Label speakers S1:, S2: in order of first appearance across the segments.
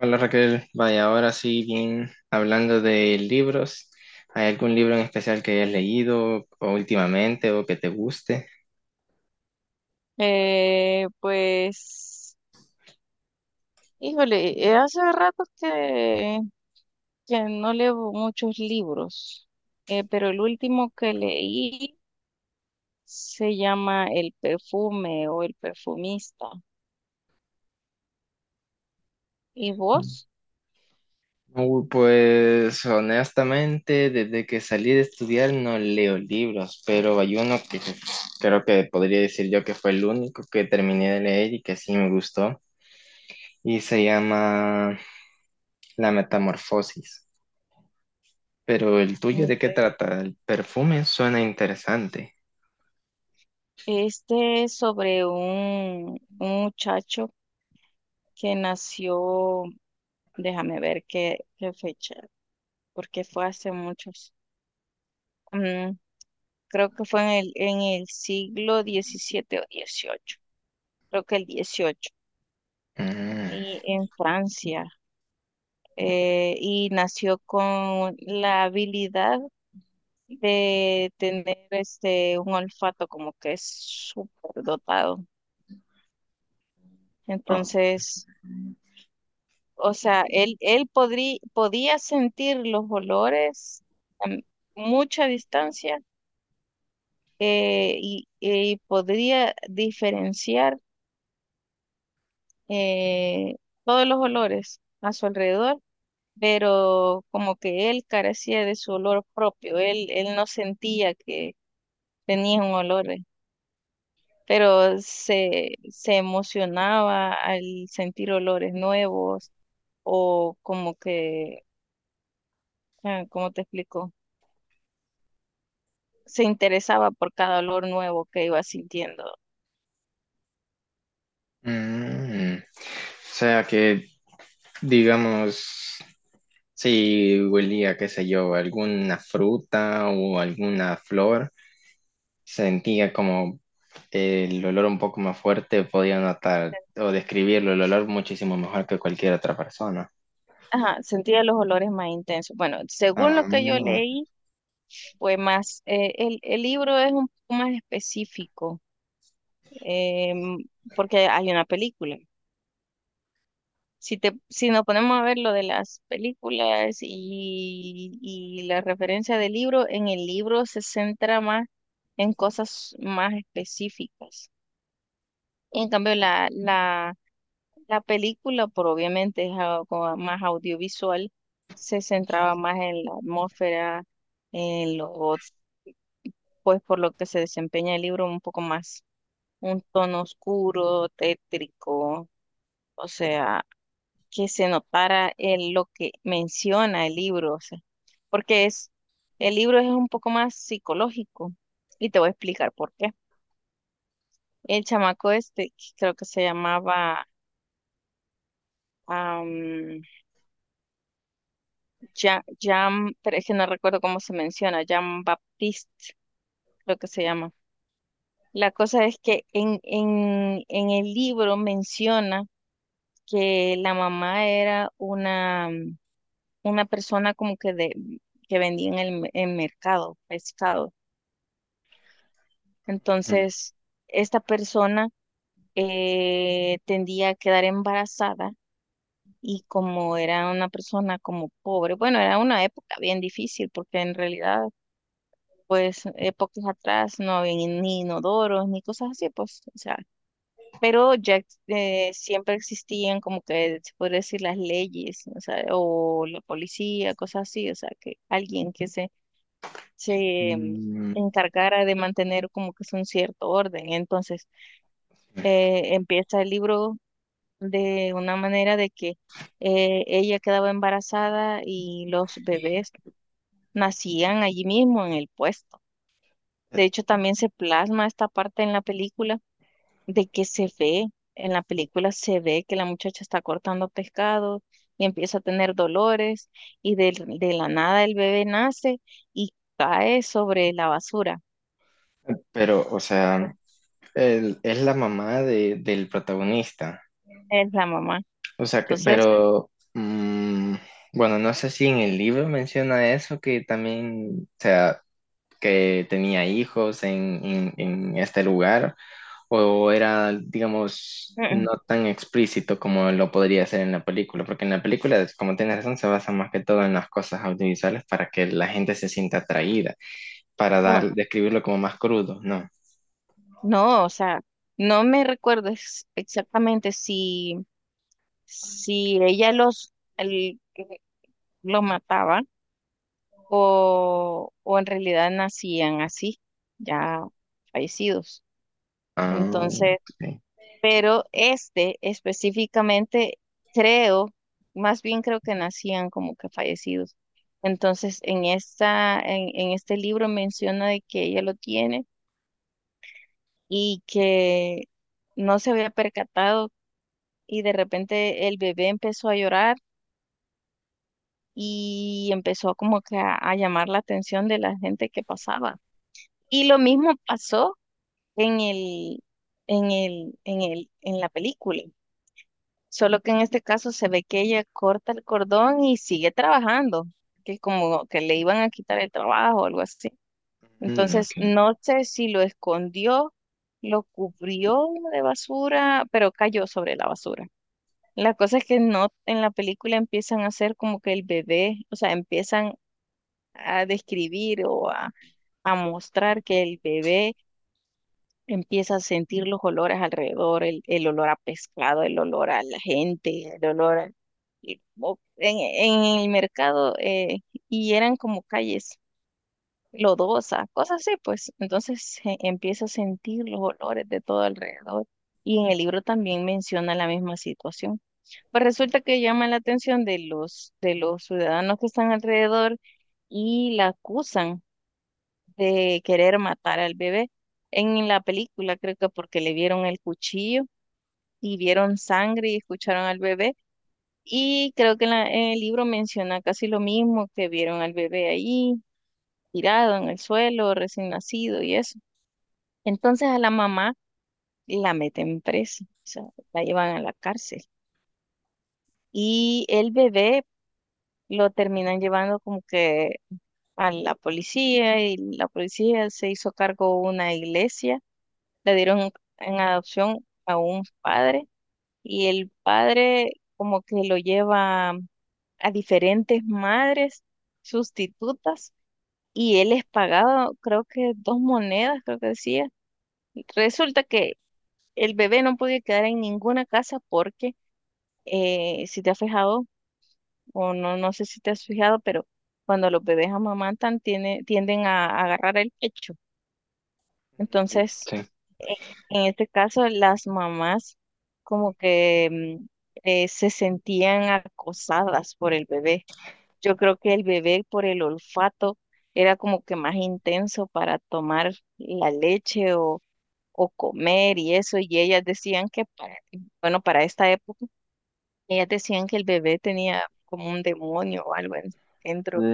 S1: Hola Raquel, vaya, ahora sí, bien, hablando de libros, ¿hay algún libro en especial que hayas leído o últimamente o que te guste?
S2: Eh, pues, híjole, hace rato que no leo muchos libros, pero el último que leí se llama El perfume o El perfumista. ¿Y vos?
S1: Uy, pues honestamente, desde que salí de estudiar no leo libros, pero hay uno que creo que podría decir yo que fue el único que terminé de leer y que sí me gustó, y se llama La Metamorfosis. Pero el tuyo, ¿de qué
S2: Okay.
S1: trata? El perfume suena interesante.
S2: Este es sobre un muchacho que nació, déjame ver qué fecha, porque fue hace muchos, mm, creo que fue en el siglo 17 o 18, creo que el 18,
S1: Mm.
S2: y en Francia, y nació con la habilidad de tener este, un olfato como que es súper dotado. Entonces, o sea, él podía sentir los olores a mucha distancia, y podría diferenciar eh, todos los olores a su alrededor, pero como que él carecía de su olor propio, él no sentía que tenía un olor, pero se emocionaba al sentir olores nuevos o como que, ah, ¿cómo te explico? Se interesaba por cada olor nuevo que iba sintiendo.
S1: O sea que, digamos, si huelía, qué sé yo, alguna fruta o alguna flor, sentía como el olor un poco más fuerte, podía notar o describirlo, el olor muchísimo mejor que cualquier otra persona.
S2: Ajá, sentía los olores más intensos. Bueno, según lo
S1: Ah,
S2: que yo
S1: ujú.
S2: leí, fue más, el libro es un poco más específico, em, porque hay una película. Si te, si nos ponemos a ver lo de las películas y la referencia del libro, en el libro se centra más en cosas más específicas. En cambio, la película, por obviamente es algo más audiovisual, se centraba más en la atmósfera, en lo, pues por lo que se desempeña el libro un poco más, un tono oscuro, tétrico, o sea, que se notara lo que menciona el libro, o sea, porque es, el libro es un poco más psicológico y te voy a explicar por qué. El chamaco este, que creo que se llamaba am, Jean, pero es que no recuerdo cómo se menciona, Jean Baptiste, creo que se llama. La cosa es que en el libro menciona que la mamá era una persona como que de, que vendía en el en mercado pescado. Entonces, esta persona tendía a quedar embarazada, y como era una persona como pobre, bueno, era una época bien difícil porque en realidad, pues, épocas atrás no había ni ni inodoros ni cosas así, pues, o sea, pero siempre existían como que se puede decir las leyes, o sea, o la policía, cosas así, o sea, que alguien que se, se
S1: Mm,
S2: mm, encargara de mantener como que es un cierto orden. Entonces, empieza el libro de una manera de que ella quedaba embarazada y los bebés nacían allí mismo en el puesto. De hecho, también se plasma esta parte en la película de que se ve, en la película se ve que la muchacha está cortando pescado y empieza a tener dolores y de la nada el bebé nace y cae sobre la basura.
S1: pero, o sea, es la mamá del protagonista.
S2: Es la mamá.
S1: O sea, que,
S2: Entonces,
S1: pero bueno, no sé si en el libro menciona eso, que también, o sea, que tenía hijos en este lugar, o era, digamos,
S2: mm, mm,
S1: no tan explícito como lo podría ser en la película, porque en la película, como tienes razón, se basa más que todo en las cosas audiovisuales para que la gente se sienta atraída, para
S2: no,
S1: dar, describirlo como más crudo, ¿no?
S2: no, o sea, no me recuerdo exactamente si, si ella los lo mataba o en realidad nacían así, ya fallecidos.
S1: Ah,
S2: Entonces,
S1: ok.
S2: pero este específicamente creo, más bien creo que nacían como que fallecidos. Entonces, en esta, en este libro menciona de que ella lo tiene y que no se había percatado y de repente el bebé empezó a llorar y empezó como que a llamar la atención de la gente que pasaba. Y lo mismo pasó en el, en en la película. Solo que en este caso se ve que ella corta el cordón y sigue trabajando, que como que le iban a quitar el trabajo o algo así.
S1: Mm,
S2: Entonces,
S1: ok.
S2: no sé si lo escondió, lo cubrió de basura, pero cayó sobre la basura. La cosa es que no, en la película empiezan a hacer como que el bebé, o sea, empiezan a describir o a mostrar que el bebé empieza a sentir los olores alrededor, el olor a pescado, el olor a la gente, el olor en el mercado, y eran como calles lodosas, cosas así, pues. Entonces, empieza a sentir los olores de todo alrededor. Y en el libro también menciona la misma situación. Pues resulta que llama la atención de los ciudadanos que están alrededor y la acusan de querer matar al bebé. En la película creo que porque le vieron el cuchillo y vieron sangre y escucharon al bebé. Y creo que en el libro menciona casi lo mismo, que vieron al bebé ahí tirado en el suelo, recién nacido y eso. Entonces a la mamá la meten presa, o sea, la llevan a la cárcel. Y el bebé lo terminan llevando como que a la policía y la policía se hizo cargo de una iglesia, le dieron en adopción a un padre, y el padre como que lo lleva a diferentes madres sustitutas y él es pagado creo que dos monedas, creo que decía. Resulta que el bebé no podía quedar en ninguna casa porque si te has fijado o no, no sé si te has fijado, pero cuando los bebés amamantan tienden a agarrar el pecho. Entonces,
S1: Sí.
S2: e- en este caso, las mamás como que se sentían acosadas por el bebé. Yo creo que el bebé por el olfato era como que más intenso para tomar la leche o comer y eso, y ellas decían que para, bueno, para esta época, ellas decían que el bebé tenía como un demonio o algo dentro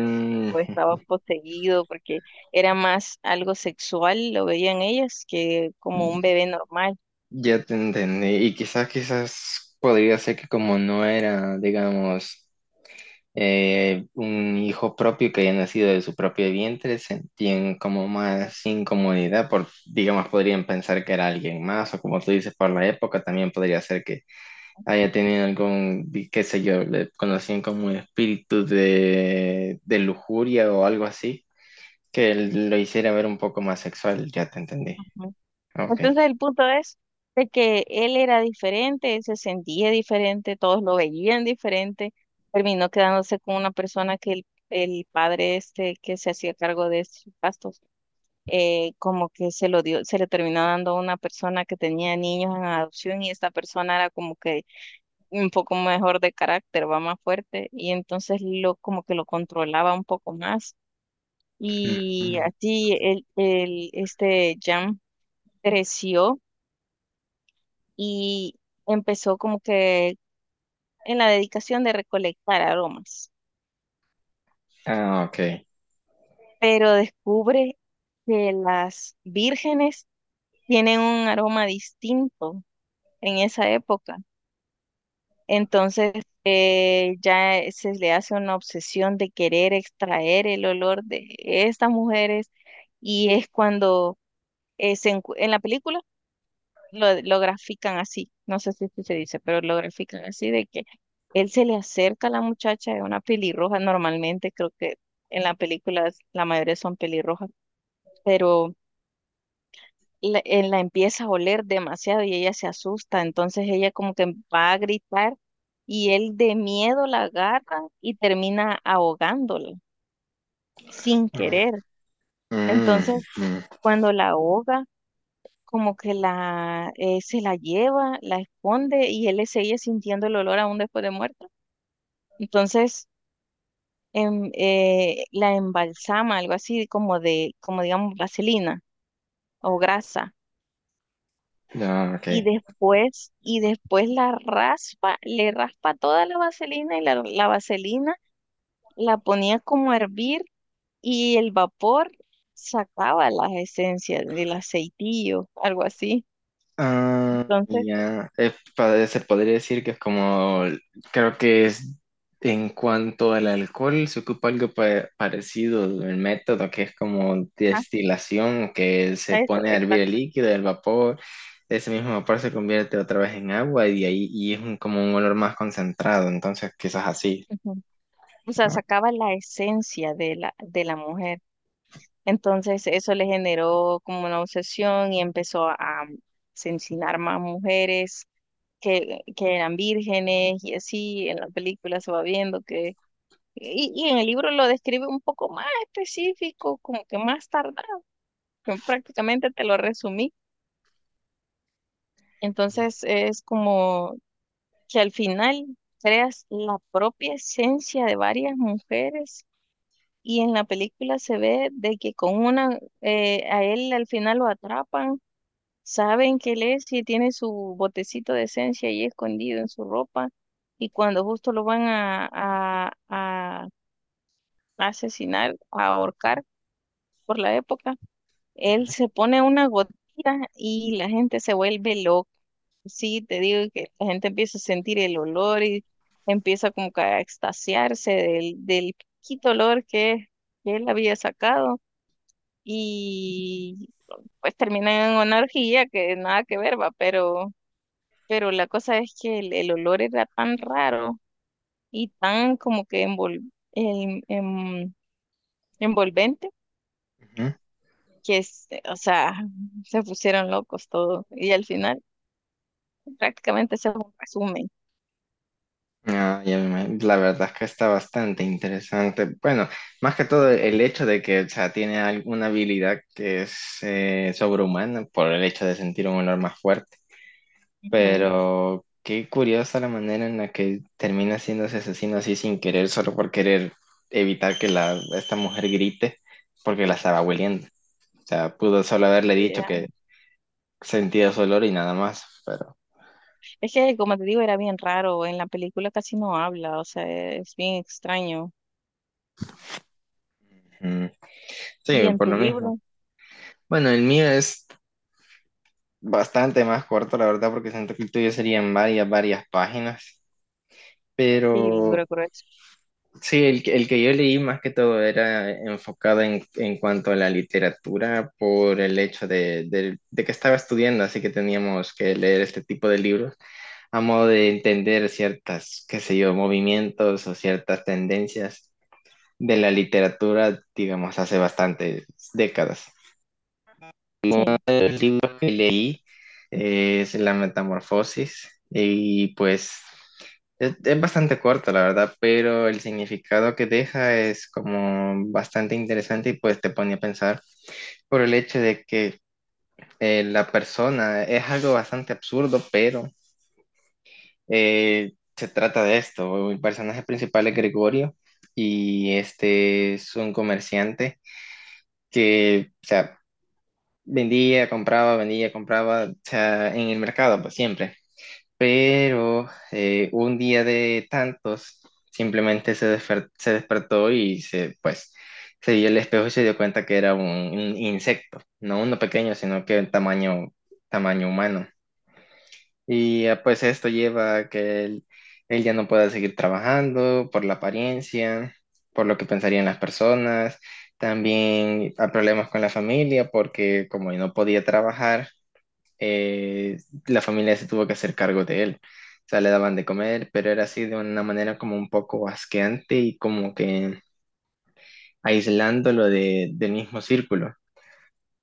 S2: o estaba poseído, porque era más algo sexual, lo veían ellas, que como un
S1: Mm,
S2: bebé normal.
S1: ya te entendí. Y quizás, quizás podría ser que como no era, digamos, un hijo propio que haya nacido de su propio vientre, sentían como más incomodidad, por, digamos, podrían pensar que era alguien más, o como tú dices, por la época también podría ser que haya tenido algún, qué sé yo, le conocían como un espíritu de lujuria o algo así, que lo hiciera ver un poco más sexual, ya te entendí.
S2: Ujú.
S1: Ok.
S2: Entonces el punto es de que él era diferente, él se sentía diferente, todos lo veían diferente, terminó quedándose con una persona que el padre este que se hacía cargo de sus gastos, como que se lo dio, se le terminó dando a una persona que tenía niños en adopción, y esta persona era como que un poco mejor de carácter, va más fuerte, y entonces lo como que lo controlaba un poco más,
S1: Mm,
S2: y
S1: mm.
S2: así el este Jam creció y empezó como que en la dedicación de recolectar aromas,
S1: Ah, ok.
S2: pero descubre que las vírgenes tienen un aroma distinto en esa época. Entonces, ya se le hace una obsesión de querer extraer el olor de estas mujeres, y es cuando en la película lo grafican así, no sé si así se dice, pero lo grafican así de que él se le acerca a la muchacha de una pelirroja, normalmente creo que en la película la mayoría son pelirrojas, pero la empieza a oler demasiado y ella se asusta, entonces ella como que va a gritar y él de miedo la agarra y termina ahogándola sin querer.
S1: Mm,
S2: Entonces,
S1: mm.
S2: cuando la ahoga, como que la se la lleva, la esconde y él sigue sintiendo el olor aún después de muerta. Entonces, la embalsama, algo así como de, como digamos, vaselina o grasa,
S1: No, ok.
S2: y después la raspa, le raspa toda la vaselina y la vaselina la ponía como a hervir y el vapor sacaba las esencias del aceitillo, algo así.
S1: Ah,
S2: Entonces,
S1: ya. Se podría decir que es como, creo que es en cuanto al alcohol, se ocupa algo parecido, el método que es como
S2: ah,
S1: destilación, que se
S2: eso,
S1: pone a hervir el
S2: exacto.
S1: líquido, el vapor, ese mismo vapor se convierte otra vez en agua y ahí y es como un olor más concentrado, entonces quizás así.
S2: Ujú. O sea, sacaba la esencia de la mujer. Entonces, eso le generó como una obsesión y empezó a asesinar más mujeres que eran vírgenes, y así en la película se va viendo que y en el libro lo describe un poco más específico, como que más tardado, que prácticamente te lo resumí. Entonces es como que al final creas la propia esencia de varias mujeres, y en la película se ve de que con una, a él al final lo atrapan, saben que él es y tiene su botecito de esencia ahí escondido en su ropa, y cuando justo lo van a asesinar, a ahorcar por la época, él se pone una gotita y la gente se vuelve loca. Sí, te digo que la gente empieza a sentir el olor y empieza como que a extasiarse del poquito olor que él había sacado, y pues termina en una orgía que nada que ver, va, pero la cosa es que el olor era tan raro y tan como que envolvente
S1: ¿No?
S2: que, o sea, se pusieron locos todos y al final prácticamente ese es un resumen.
S1: Ah, la verdad es que está bastante interesante. Bueno, más que todo el hecho de que, o sea, tiene alguna habilidad que es sobrehumana por el hecho de sentir un olor más fuerte.
S2: Ujú.
S1: Pero qué curiosa la manera en la que termina siendo ese asesino así sin querer, solo por querer evitar que la, esta mujer grite porque la estaba hueliendo. O sea, pudo solo haberle dicho
S2: Ya.
S1: que sentía su olor y nada más. Pero
S2: Es que, como te digo, era bien raro. En la película casi no habla, o sea, es bien extraño.
S1: mm, sí,
S2: Y en
S1: por
S2: tu
S1: lo mismo.
S2: libro,
S1: Bueno, el mío es bastante más corto, la verdad, porque siento que el tuyo serían varias, varias páginas,
S2: sí, el
S1: pero
S2: libro grueso.
S1: sí, el que yo leí más que todo era enfocado en cuanto a la literatura por el hecho de, de que estaba estudiando, así que teníamos que leer este tipo de libros a modo de entender ciertas, qué sé yo, movimientos o ciertas tendencias de la literatura, digamos, hace bastantes décadas.
S2: Sí,
S1: De los libros que leí es La Metamorfosis y pues es bastante corto, la verdad, pero el significado que deja es como bastante interesante y pues te pone a pensar por el hecho de que la persona es algo bastante absurdo, pero se trata de esto. El personaje principal es Gregorio y este es un comerciante que, o sea, vendía, compraba, o sea, en el mercado, pues siempre. Pero un día de tantos simplemente se despertó y se, pues, se vio el espejo y se dio cuenta que era un insecto, no uno pequeño, sino que en tamaño, tamaño humano. Y pues esto lleva a que él ya no pueda seguir trabajando por la apariencia, por lo que pensarían las personas, también a problemas con la familia, porque como no podía trabajar, eh, la familia se tuvo que hacer cargo de él. O sea, le daban de comer, pero era así de una manera como un poco asqueante y como que aislándolo de, del mismo círculo.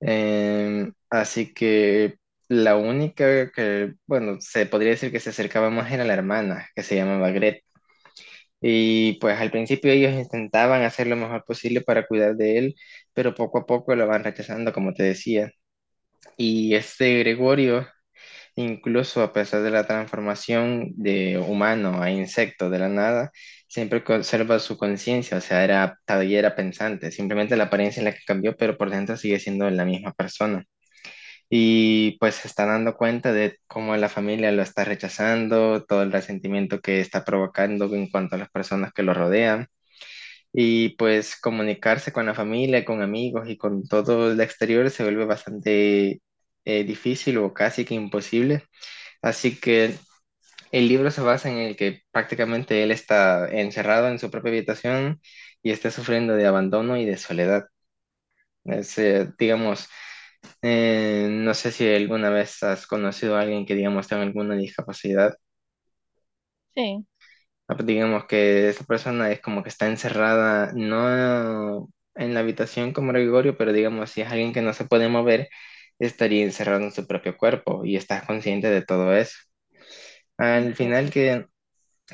S1: Así que la única que, bueno, se podría decir que se acercaba más era la hermana, que se llamaba Gret. Y pues al principio ellos intentaban hacer lo mejor posible para cuidar de él, pero poco a poco lo van rechazando, como te decía. Y este Gregorio, incluso a pesar de la transformación de humano a insecto de la nada, siempre conserva su conciencia, o sea, era todavía era pensante, simplemente la apariencia es la que cambió, pero por dentro sigue siendo la misma persona. Y pues se está dando cuenta de cómo la familia lo está rechazando, todo el resentimiento que está provocando en cuanto a las personas que lo rodean. Y pues comunicarse con la familia, con amigos y con todo el exterior se vuelve bastante difícil o casi que imposible. Así que el libro se basa en el que prácticamente él está encerrado en su propia habitación y está sufriendo de abandono y de soledad. Es, digamos, no sé si alguna vez has conocido a alguien que, digamos, tenga alguna discapacidad.
S2: sí.
S1: Ah, pues, digamos que esa persona es como que está encerrada, no en la habitación como Gregorio, pero digamos, si es alguien que no se puede mover, estaría encerrado en su propio cuerpo y estás consciente de todo eso. Al final que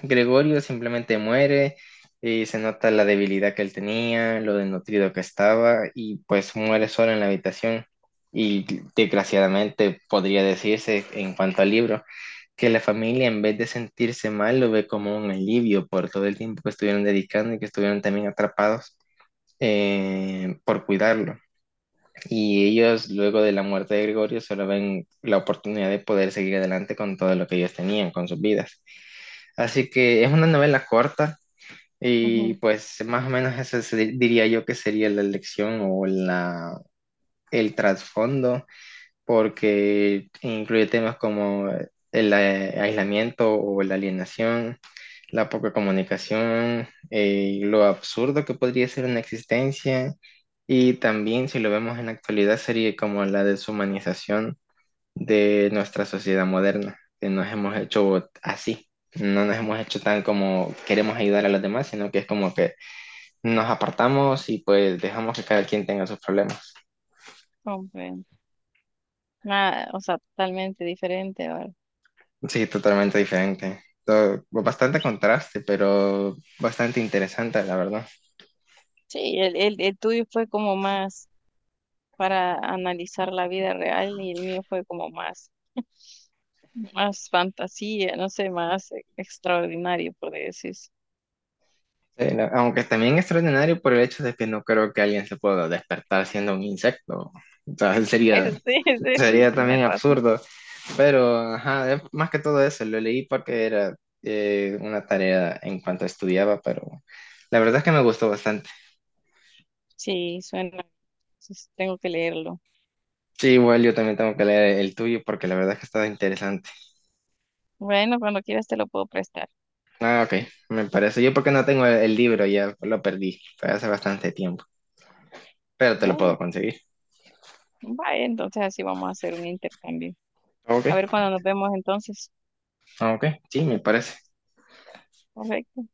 S1: Gregorio simplemente muere y se nota la debilidad que él tenía, lo desnutrido que estaba y pues muere solo en la habitación. Y desgraciadamente podría decirse en cuanto al libro que la familia en vez de sentirse mal lo ve como un alivio por todo el tiempo que estuvieron dedicando y que estuvieron también atrapados por cuidarlo. Y ellos luego de la muerte de Gregorio solo ven la oportunidad de poder seguir adelante con todo lo que ellos tenían, con sus vidas. Así que es una novela corta, y
S2: Ujú,
S1: pues más o menos diría yo que sería la elección o la, el trasfondo, porque incluye temas como el aislamiento o la alienación, la poca comunicación, lo absurdo que podría ser una existencia, y también si lo vemos en la actualidad sería como la deshumanización de nuestra sociedad moderna, que nos hemos hecho así, no nos hemos hecho tan como queremos ayudar a los demás, sino que es como que nos apartamos y pues dejamos que cada quien tenga sus problemas.
S2: comprendo. Nada, o sea, totalmente diferente, ¿verdad?
S1: Sí, totalmente diferente. Bastante contraste, pero bastante interesante, la verdad.
S2: Sí, el tuyo fue como más para analizar la vida real y el mío fue como más, más fantasía, no sé, más extraordinario, por decir.
S1: Sí, aunque también extraordinario por el hecho de que no creo que alguien se pueda despertar siendo un insecto. O sea, sería,
S2: Sí, sí, sí,
S1: sería
S2: tienes
S1: también
S2: razón.
S1: absurdo. Pero, ajá, es más que todo eso, lo leí porque era una tarea en cuanto estudiaba, pero la verdad es que me gustó bastante.
S2: Sí, suena. Entonces, tengo que leerlo.
S1: Sí, igual yo también tengo que leer el tuyo porque la verdad es que está interesante.
S2: Bueno, cuando quieras te lo puedo prestar.
S1: Ah, ok, me parece. Yo porque no tengo el libro, ya lo perdí, fue hace bastante tiempo, pero te lo
S2: Bueno,
S1: puedo conseguir.
S2: vaya, entonces así vamos a hacer un intercambio.
S1: Ok,
S2: A ver cuando nos vemos entonces.
S1: ok, sí, me parece.
S2: Perfecto.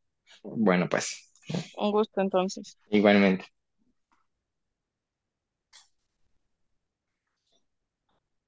S1: Bueno, pues,
S2: Un gusto entonces.
S1: igualmente.